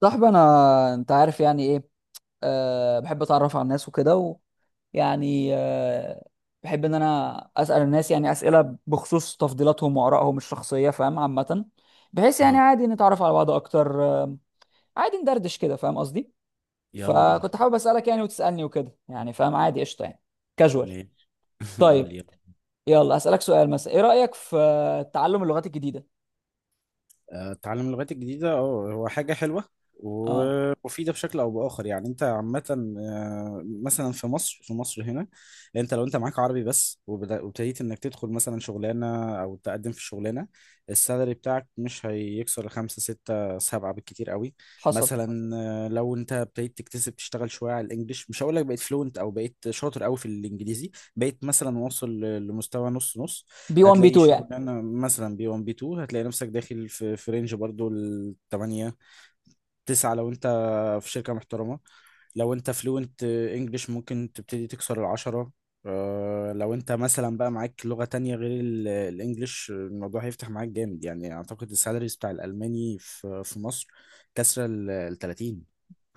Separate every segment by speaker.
Speaker 1: صاحبي انا انت عارف يعني ايه. بحب اتعرف على الناس وكده. ويعني بحب ان انا اسال الناس يعني اسئله بخصوص تفضيلاتهم وارائهم الشخصيه، فاهم؟ عامه بحيث يعني
Speaker 2: اه.
Speaker 1: عادي نتعرف على بعض اكتر عادي ندردش كده، فاهم قصدي؟
Speaker 2: يلا بينا.
Speaker 1: فكنت حابب اسالك يعني وتسالني وكده، يعني فاهم عادي، قشطه يعني، كاجوال.
Speaker 2: ماشي. قول
Speaker 1: طيب،
Speaker 2: لي.
Speaker 1: يلا اسالك سؤال. مثلا ايه رايك في تعلم اللغات الجديده؟
Speaker 2: تعلم اللغات الجديدة هو حاجة حلوة
Speaker 1: اه،
Speaker 2: ومفيدة بشكل أو بآخر، يعني أنت عامة. مثلا في مصر هنا. أنت لو معاك عربي بس، وابتديت إنك تدخل مثلا شغلانة أو تقدم في شغلانة، السالري بتاعك مش هيكسر خمسة ستة سبعة بالكتير قوي.
Speaker 1: حصل.
Speaker 2: مثلا لو أنت ابتديت تكتسب، تشتغل شوية على الإنجليش، مش هقول لك بقيت فلوينت أو بقيت شاطر قوي في الإنجليزي، بقيت مثلا واصل لمستوى نص نص.
Speaker 1: بي 1 بي
Speaker 2: هتلاقي
Speaker 1: 2 يعني.
Speaker 2: شغلانه مثلا بي 1 بي 2، هتلاقي نفسك داخل في رينج برضو ال 8 9. لو انت في شركه محترمه، لو انت فلوينت انجلش ممكن تبتدي تكسر العشرة. لو انت مثلا بقى معاك لغة تانية غير الانجليش، الموضوع هيفتح معاك جامد يعني. اعتقد السالاريز بتاع الالماني في مصر كسر ال 30.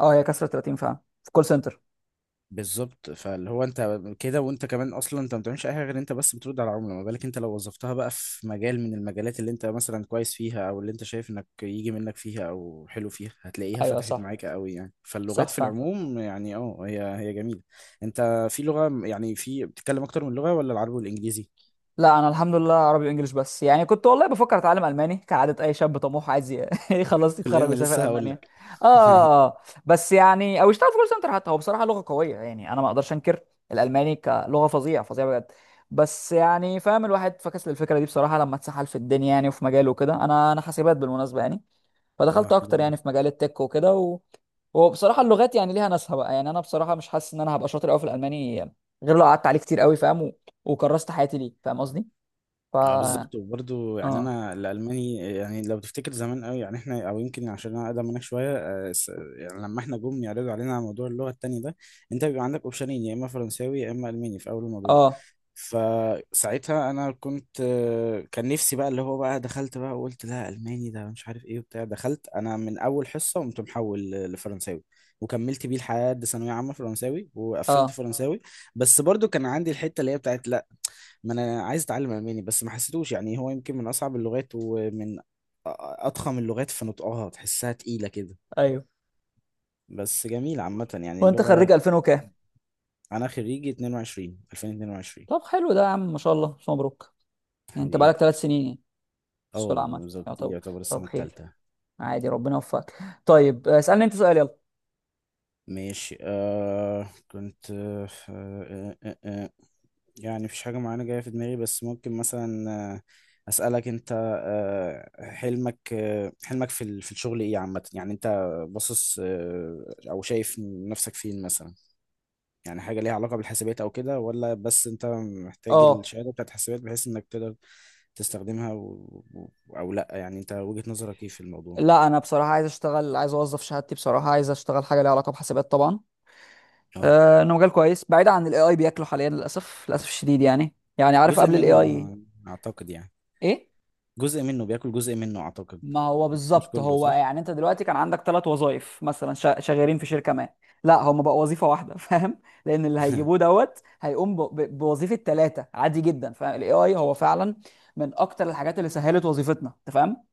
Speaker 1: اه، هي كسرت 30 فاهم، في كول سنتر.
Speaker 2: بالظبط، فاللي هو انت كده، وانت كمان اصلا انت ما بتعملش اي حاجه غير انت بس بترد على العملاء. ما بالك انت لو وظفتها بقى في مجال من المجالات اللي انت مثلا كويس فيها، او اللي انت شايف انك يجي منك فيها او حلو فيها، هتلاقيها
Speaker 1: ايوه
Speaker 2: فتحت
Speaker 1: صح،
Speaker 2: معاك قوي يعني. فاللغات
Speaker 1: صح
Speaker 2: في
Speaker 1: فعلا.
Speaker 2: العموم يعني هي جميله. انت في لغه، يعني في بتتكلم اكتر من لغه، ولا العربي والانجليزي؟
Speaker 1: لا انا الحمد لله عربي وانجليش بس. يعني كنت والله بفكر اتعلم الماني، كعاده اي شاب طموح عايز يخلص يتخرج
Speaker 2: كلنا
Speaker 1: ويسافر
Speaker 2: لسه هقول
Speaker 1: المانيا.
Speaker 2: لك.
Speaker 1: اه، آه. بس يعني او يشتغل في كول سنتر حتى. هو بصراحه لغه قويه، يعني انا ما اقدرش انكر الالماني كلغه، فظيعه فظيعه بجد. بس يعني فاهم، الواحد فكس للفكره دي بصراحه لما اتسحل في الدنيا يعني وفي مجاله وكده. انا حاسبات بالمناسبه يعني،
Speaker 2: اه،
Speaker 1: فدخلت
Speaker 2: حلو
Speaker 1: اكتر يعني
Speaker 2: ده.
Speaker 1: في مجال التك وكده و... وبصراحه اللغات يعني ليها ناسها بقى. يعني انا بصراحه مش حاسس ان انا هبقى شاطر قوي في الالماني غير لو قعدت عليه كتير قوي فاهم، و... وكرست حياتي ليه، فاهم قصدي؟ ف
Speaker 2: اه بالظبط. وبرضه يعني
Speaker 1: اه
Speaker 2: انا الالماني، يعني لو تفتكر زمان قوي يعني احنا، او يمكن عشان انا اقدم منك شويه، يعني لما احنا جم يعرضوا علينا على موضوع اللغه التاني ده، انت بيبقى عندك اوبشنين، يا اما فرنساوي يا اما الماني، في اول الموضوع.
Speaker 1: اه
Speaker 2: فساعتها انا كنت، كان نفسي بقى اللي هو بقى دخلت بقى، وقلت لا الماني ده مش عارف ايه وبتاع، دخلت انا من اول حصه قمت محول لفرنساوي، وكملت بيه لحد ثانويه عامه فرنساوي، وقفلت
Speaker 1: اه
Speaker 2: فرنساوي. بس برضو كان عندي الحته اللي هي بتاعت، ما انا عايز اتعلم الماني، بس ما حسيتوش. يعني هو يمكن من اصعب اللغات ومن اضخم اللغات في نطقها، تحسها تقيلة كده،
Speaker 1: ايوه.
Speaker 2: بس جميل عامة يعني
Speaker 1: وانت
Speaker 2: اللغة.
Speaker 1: خريج 2000 وكام؟
Speaker 2: انا خريجي 22 2022.
Speaker 1: طب حلو ده يا عم، ما شاء الله، ألف مبروك. يعني انت بقالك
Speaker 2: حبيبي.
Speaker 1: ثلاث سنين يعني في سوق
Speaker 2: اه
Speaker 1: العمل. يا
Speaker 2: بالظبط، دي
Speaker 1: طب،
Speaker 2: يعتبر
Speaker 1: طب
Speaker 2: السنة
Speaker 1: خير،
Speaker 2: التالتة.
Speaker 1: عادي، ربنا يوفقك. طيب، اسالني انت سؤال، يلا.
Speaker 2: ماشي. آه كنت آه آه آه آه. يعني مفيش حاجة معينة جاية في دماغي، بس ممكن مثلا أسألك أنت. حلمك في في الشغل إيه عامة؟ يعني أنت باصص، أو شايف نفسك فين مثلا؟ يعني حاجة ليها علاقة بالحاسبات أو كده، ولا بس أنت محتاج
Speaker 1: اه.
Speaker 2: الشهادة بتاعت الحاسبات بحيث إنك تقدر تستخدمها، و... أو لأ؟ يعني أنت وجهة نظرك إيه في الموضوع؟
Speaker 1: لا انا بصراحه عايز اشتغل، عايز اوظف شهادتي، بصراحه عايز اشتغل حاجه ليها علاقه بحاسبات طبعا.
Speaker 2: أه.
Speaker 1: انه مجال كويس، بعيد عن الاي اي بياكله حاليا للاسف، للاسف الشديد يعني. يعني عارف
Speaker 2: جزء
Speaker 1: قبل الاي
Speaker 2: منه
Speaker 1: اي
Speaker 2: أعتقد يعني،
Speaker 1: ايه؟
Speaker 2: جزء منه بياكل جزء منه أعتقد.
Speaker 1: ما هو
Speaker 2: بس مش
Speaker 1: بالظبط.
Speaker 2: كله،
Speaker 1: هو
Speaker 2: صح؟
Speaker 1: يعني انت دلوقتي كان عندك ثلاث وظائف مثلا، شغالين في شركه ما. لا، هم بقى وظيفه واحده فاهم؟ لان اللي هيجيبوه دوت هيقوم بوظيفه ثلاثه عادي جدا، فاهم؟ الاي اي هو فعلا من اكتر الحاجات اللي سهلت وظيفتنا، انت فاهم.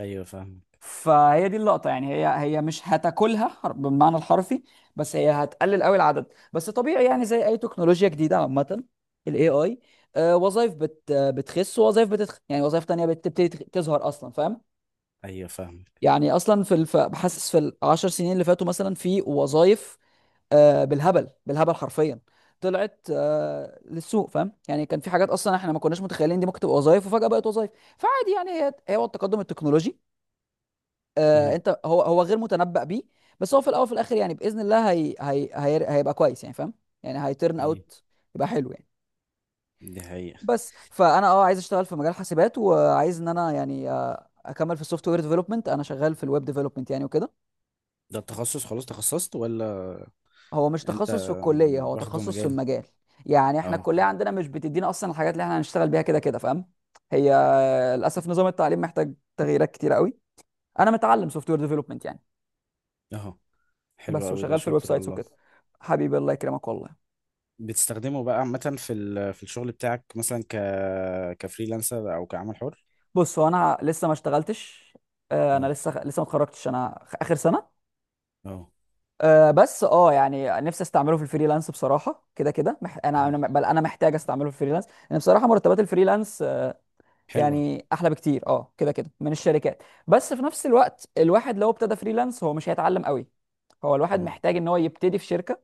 Speaker 2: أيوه فاهمك.
Speaker 1: فهي دي اللقطة يعني. هي مش هتاكلها بالمعنى الحرفي، بس هي هتقلل قوي العدد. بس طبيعي يعني، زي اي تكنولوجيا جديدة عامة. الاي اي وظائف بت آه، بتخس، ووظائف بتتخ يعني وظائف تانية بتبتدي تظهر اصلا، فاهم؟
Speaker 2: أيوه فاهمك.
Speaker 1: يعني اصلا في الف... بحسس في العشر سنين اللي فاتوا مثلا في وظائف بالهبل، بالهبل حرفيا، طلعت للسوق، فاهم؟ يعني كان في حاجات اصلا احنا ما كناش متخيلين دي ممكن تبقى وظائف، وفجأة بقت وظائف. فعادي يعني، هي هو التقدم التكنولوجي. آه، انت هو غير متنبأ بيه، بس هو في الاول وفي الاخر يعني باذن الله هي هيبقى كويس يعني، فاهم؟ يعني هيترن
Speaker 2: مم.
Speaker 1: اوت يبقى حلو يعني.
Speaker 2: دي حقيقة.
Speaker 1: بس فانا اه عايز اشتغل في مجال حاسبات، وعايز ان انا يعني اكمل في السوفت وير ديفلوبمنت. انا شغال في الويب ديفلوبمنت يعني وكده.
Speaker 2: ده التخصص، خلاص تخصصت؟ ولا
Speaker 1: هو مش
Speaker 2: انت
Speaker 1: تخصص في الكليه، هو
Speaker 2: واخده
Speaker 1: تخصص في
Speaker 2: مجال؟
Speaker 1: المجال. يعني احنا
Speaker 2: اه.
Speaker 1: الكليه عندنا مش بتدينا اصلا الحاجات اللي احنا هنشتغل بيها كده كده، فاهم؟ هي للاسف نظام التعليم محتاج تغييرات كتيره قوي. انا متعلم سوفت وير ديفلوبمنت يعني،
Speaker 2: اهو. حلو
Speaker 1: بس،
Speaker 2: قوي ده،
Speaker 1: وشغال في الويب
Speaker 2: شاطر
Speaker 1: سايتس
Speaker 2: والله.
Speaker 1: وكده. حبيبي، الله يكرمك والله.
Speaker 2: بتستخدمه بقى عامة في في الشغل بتاعك، مثلا كفريلانسر او كعمل حر؟
Speaker 1: بص هو انا لسه ما اشتغلتش. انا
Speaker 2: اه.
Speaker 1: لسه ما اتخرجتش، انا اخر سنه.
Speaker 2: اه.
Speaker 1: بس اه يعني نفسي استعمله في الفريلانس بصراحه. كده كده مح... انا
Speaker 2: مم.
Speaker 1: انا بل انا محتاج استعمله في الفريلانس، لان بصراحه مرتبات الفريلانس
Speaker 2: حلوة.
Speaker 1: يعني احلى بكتير اه كده كده من الشركات. بس في نفس الوقت الواحد لو ابتدى فريلانس هو مش هيتعلم قوي. هو الواحد
Speaker 2: مم.
Speaker 1: محتاج ان هو يبتدي في شركه،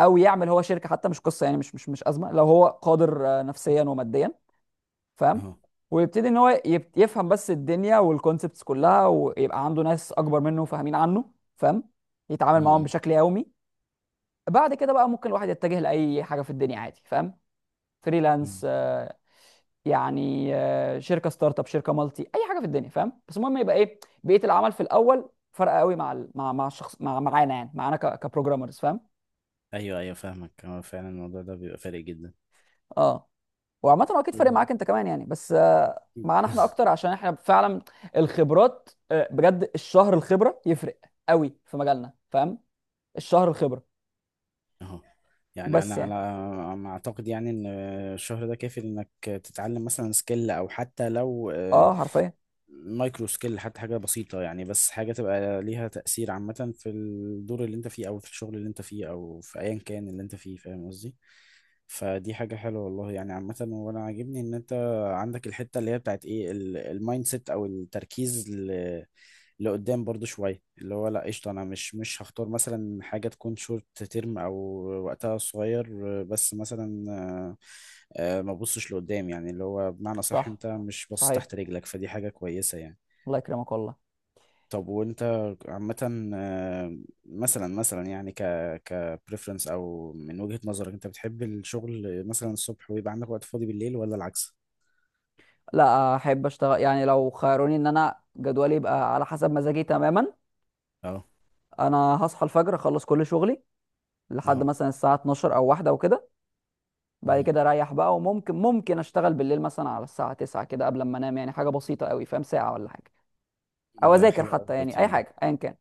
Speaker 1: او يعمل هو شركه حتى، مش قصه يعني، مش ازمه لو هو قادر نفسيا وماديا، فاهم؟
Speaker 2: اهو.
Speaker 1: ويبتدي ان هو يفهم بس الدنيا والكونسبتس كلها، ويبقى عنده ناس اكبر منه فاهمين عنه، فاهم؟ يتعامل معاهم
Speaker 2: مم.
Speaker 1: بشكل يومي. بعد كده بقى ممكن الواحد يتجه لاي حاجه في الدنيا عادي، فاهم؟
Speaker 2: مم.
Speaker 1: فريلانس يعني شركه ستارت اب، شركه مالتي، اي حاجه في الدنيا، فاهم؟ بس المهم يبقى ايه بيئه العمل في الاول. فرق قوي مع ال- مع الشخص، مع معانا يعني، معانا كبروجرامرز، فاهم؟
Speaker 2: ايوه ايوه فاهمك، هو فعلا الموضوع ده بيبقى فارق جدا.
Speaker 1: اه. وعامة هو اكيد فارق
Speaker 2: أيوة،
Speaker 1: معاك انت كمان يعني، بس
Speaker 2: أكيد.
Speaker 1: معانا احنا اكتر عشان احنا فعلا الخبرات بجد الشهر الخبرة يفرق قوي في مجالنا، فاهم؟ الشهر الخبرة.
Speaker 2: اهو. يعني انا
Speaker 1: بس
Speaker 2: على
Speaker 1: يعني،
Speaker 2: ما اعتقد، يعني ان الشهر ده كافي انك تتعلم مثلا سكيل، او حتى لو
Speaker 1: اه حرفيا.
Speaker 2: مايكرو سكيل، حتى حاجة بسيطة يعني، بس حاجة تبقى ليها تأثير عامة في الدور اللي انت فيه، او في الشغل اللي انت فيه، او في ايا كان اللي انت فيه، فاهم قصدي؟ فدي حاجة حلوة والله يعني عامة. وانا عاجبني ان انت عندك الحتة اللي هي بتاعت ايه، المايند سيت او التركيز لقدام برضو شوية، اللي هو لا قشطة، أنا مش هختار مثلا حاجة تكون شورت تيرم أو وقتها صغير، بس مثلا ما ببصش لقدام يعني، اللي هو بمعنى صح،
Speaker 1: صح،
Speaker 2: أنت مش باصص
Speaker 1: صحيح.
Speaker 2: تحت رجلك، فدي حاجة كويسة يعني.
Speaker 1: الله يكرمك والله.
Speaker 2: طب وأنت عامة، مثلا يعني ك preference، أو من وجهة نظرك أنت بتحب الشغل مثلا الصبح، ويبقى عندك وقت فاضي بالليل، ولا العكس؟
Speaker 1: لا، احب اشتغل يعني لو خيروني ان انا جدولي يبقى على حسب مزاجي تماما.
Speaker 2: أهو.
Speaker 1: انا هصحى الفجر، اخلص كل شغلي لحد
Speaker 2: أهو.
Speaker 1: مثلا الساعة 12 او واحدة وكده. بعد
Speaker 2: مهم.
Speaker 1: كده اريح بقى، وممكن اشتغل بالليل مثلا على الساعة 9 كده قبل ما انام، يعني حاجة بسيطة قوي، فاهم؟ ساعة ولا حاجة، او
Speaker 2: ده
Speaker 1: اذاكر
Speaker 2: حلو أوي
Speaker 1: حتى، يعني
Speaker 2: الروتين
Speaker 1: اي
Speaker 2: ده.
Speaker 1: حاجه ايا كان.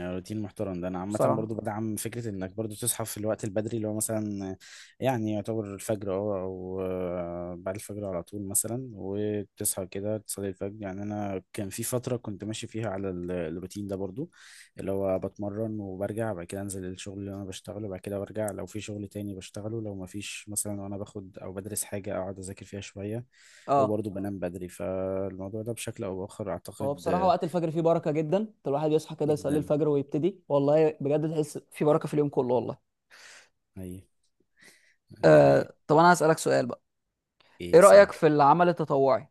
Speaker 2: روتين محترم ده. انا عامه
Speaker 1: بصراحه
Speaker 2: برضو بدعم فكره انك برضو تصحى في الوقت البدري، اللي هو مثلا يعني يعتبر الفجر، او بعد الفجر على طول مثلا، وتصحى كده تصلي الفجر. يعني انا كان في فتره كنت ماشي فيها على الروتين ده برضو، اللي هو بتمرن وبرجع، بعد كده انزل الشغل اللي انا بشتغله، بعد كده برجع لو في شغل تاني بشتغله، لو ما فيش مثلا وانا باخد او بدرس حاجه، اقعد اذاكر فيها شويه،
Speaker 1: اه،
Speaker 2: وبرضو بنام بدري. فالموضوع ده بشكل او باخر
Speaker 1: هو
Speaker 2: اعتقد
Speaker 1: بصراحة وقت الفجر فيه بركة جدا. الواحد يصحى كده يصلي
Speaker 2: جدا.
Speaker 1: الفجر ويبتدي، والله بجد تحس في بركة في اليوم كله والله.
Speaker 2: هي دي حقيقة.
Speaker 1: آه، طب انا هسألك سؤال بقى. ايه
Speaker 2: ايه سهل.
Speaker 1: رأيك في العمل التطوعي؟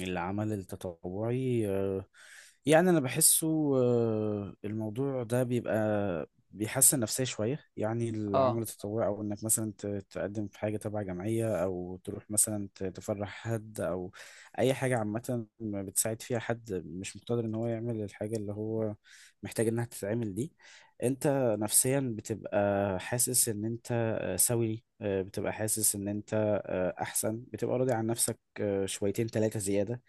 Speaker 2: العمل التطوعي يعني انا بحسه، الموضوع ده بيبقى بيحسن نفسية شوية يعني.
Speaker 1: اه
Speaker 2: العمل التطوعي او انك مثلا تقدم في حاجة تبع جمعية، او تروح مثلا تفرح حد، او اي حاجة عامة بتساعد فيها حد مش مقتدر ان هو يعمل الحاجة اللي هو محتاج انها تتعمل دي. انت نفسيا بتبقى حاسس ان انت، سوي، بتبقى حاسس ان انت احسن، بتبقى راضي عن نفسك شويتين ثلاثة زيادة.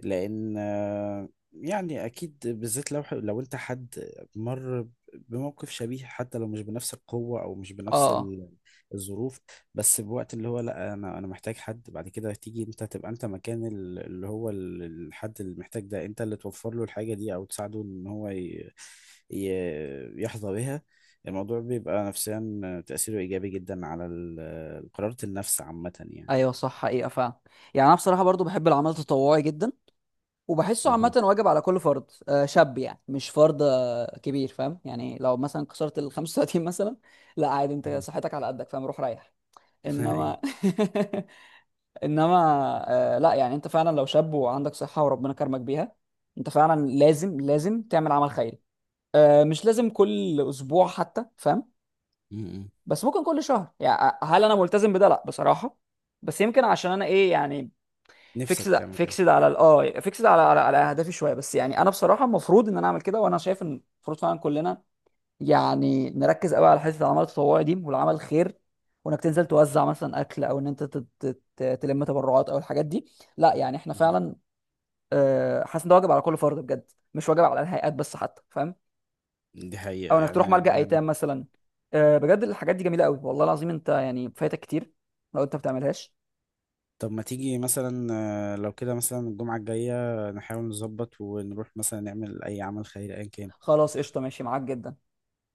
Speaker 2: لأن يعني أكيد، بالذات لو أنت حد مر بموقف شبيه، حتى لو مش بنفس القوة أو مش بنفس
Speaker 1: اه
Speaker 2: الظروف. بس بوقت اللي هو لا، أنا محتاج حد، بعد كده تيجي أنت تبقى أنت مكان اللي هو الحد اللي محتاج ده، أنت اللي توفر له الحاجة دي، أو تساعده إن هو يحظى بها. الموضوع بيبقى نفسيا تأثيره إيجابي جدا على قرارة النفس عامة يعني.
Speaker 1: ايوه صح، حقيقة فعلا. يعني انا بصراحة برضو بحب العمل التطوعي جدا، وبحسه عامة
Speaker 2: أها.
Speaker 1: واجب على كل فرد شاب، يعني مش فرد كبير، فاهم؟ يعني لو مثلا كسرت ال 35 مثلا، لا عادي، انت صحتك على قدك، فاهم؟ روح ريح.
Speaker 2: أها.
Speaker 1: انما انما لا يعني انت فعلا لو شاب وعندك صحه وربنا كرمك بيها، انت فعلا لازم تعمل عمل خيري. آه مش لازم كل اسبوع حتى، فاهم؟
Speaker 2: م-م.
Speaker 1: بس ممكن كل شهر يعني. هل انا ملتزم بده؟ لا بصراحه. بس يمكن عشان انا ايه يعني،
Speaker 2: نفسك تعمل كده.
Speaker 1: فيكسد على على اهدافي شويه. بس يعني انا بصراحه المفروض ان انا اعمل كده، وانا شايف ان المفروض فعلا كلنا يعني نركز قوي على حته العمل التطوعي دي والعمل الخير. وانك تنزل توزع مثلا اكل، او ان انت تلم تبرعات او الحاجات دي. لا يعني احنا
Speaker 2: م-م.
Speaker 1: فعلا حاسس ان ده واجب على كل فرد بجد، مش واجب على الهيئات بس حتى، فاهم؟
Speaker 2: دي
Speaker 1: او
Speaker 2: حقيقة
Speaker 1: انك
Speaker 2: يعني.
Speaker 1: تروح ملجأ ايتام مثلا. بجد الحاجات دي جميله قوي والله العظيم، انت يعني فايتك كتير لو انت بتعملهاش.
Speaker 2: طب ما تيجي مثلا لو كده مثلا الجمعة الجاية نحاول نظبط، ونروح مثلا نعمل أي عمل خيري أيا كان.
Speaker 1: خلاص قشطه، ماشي معاك جدا.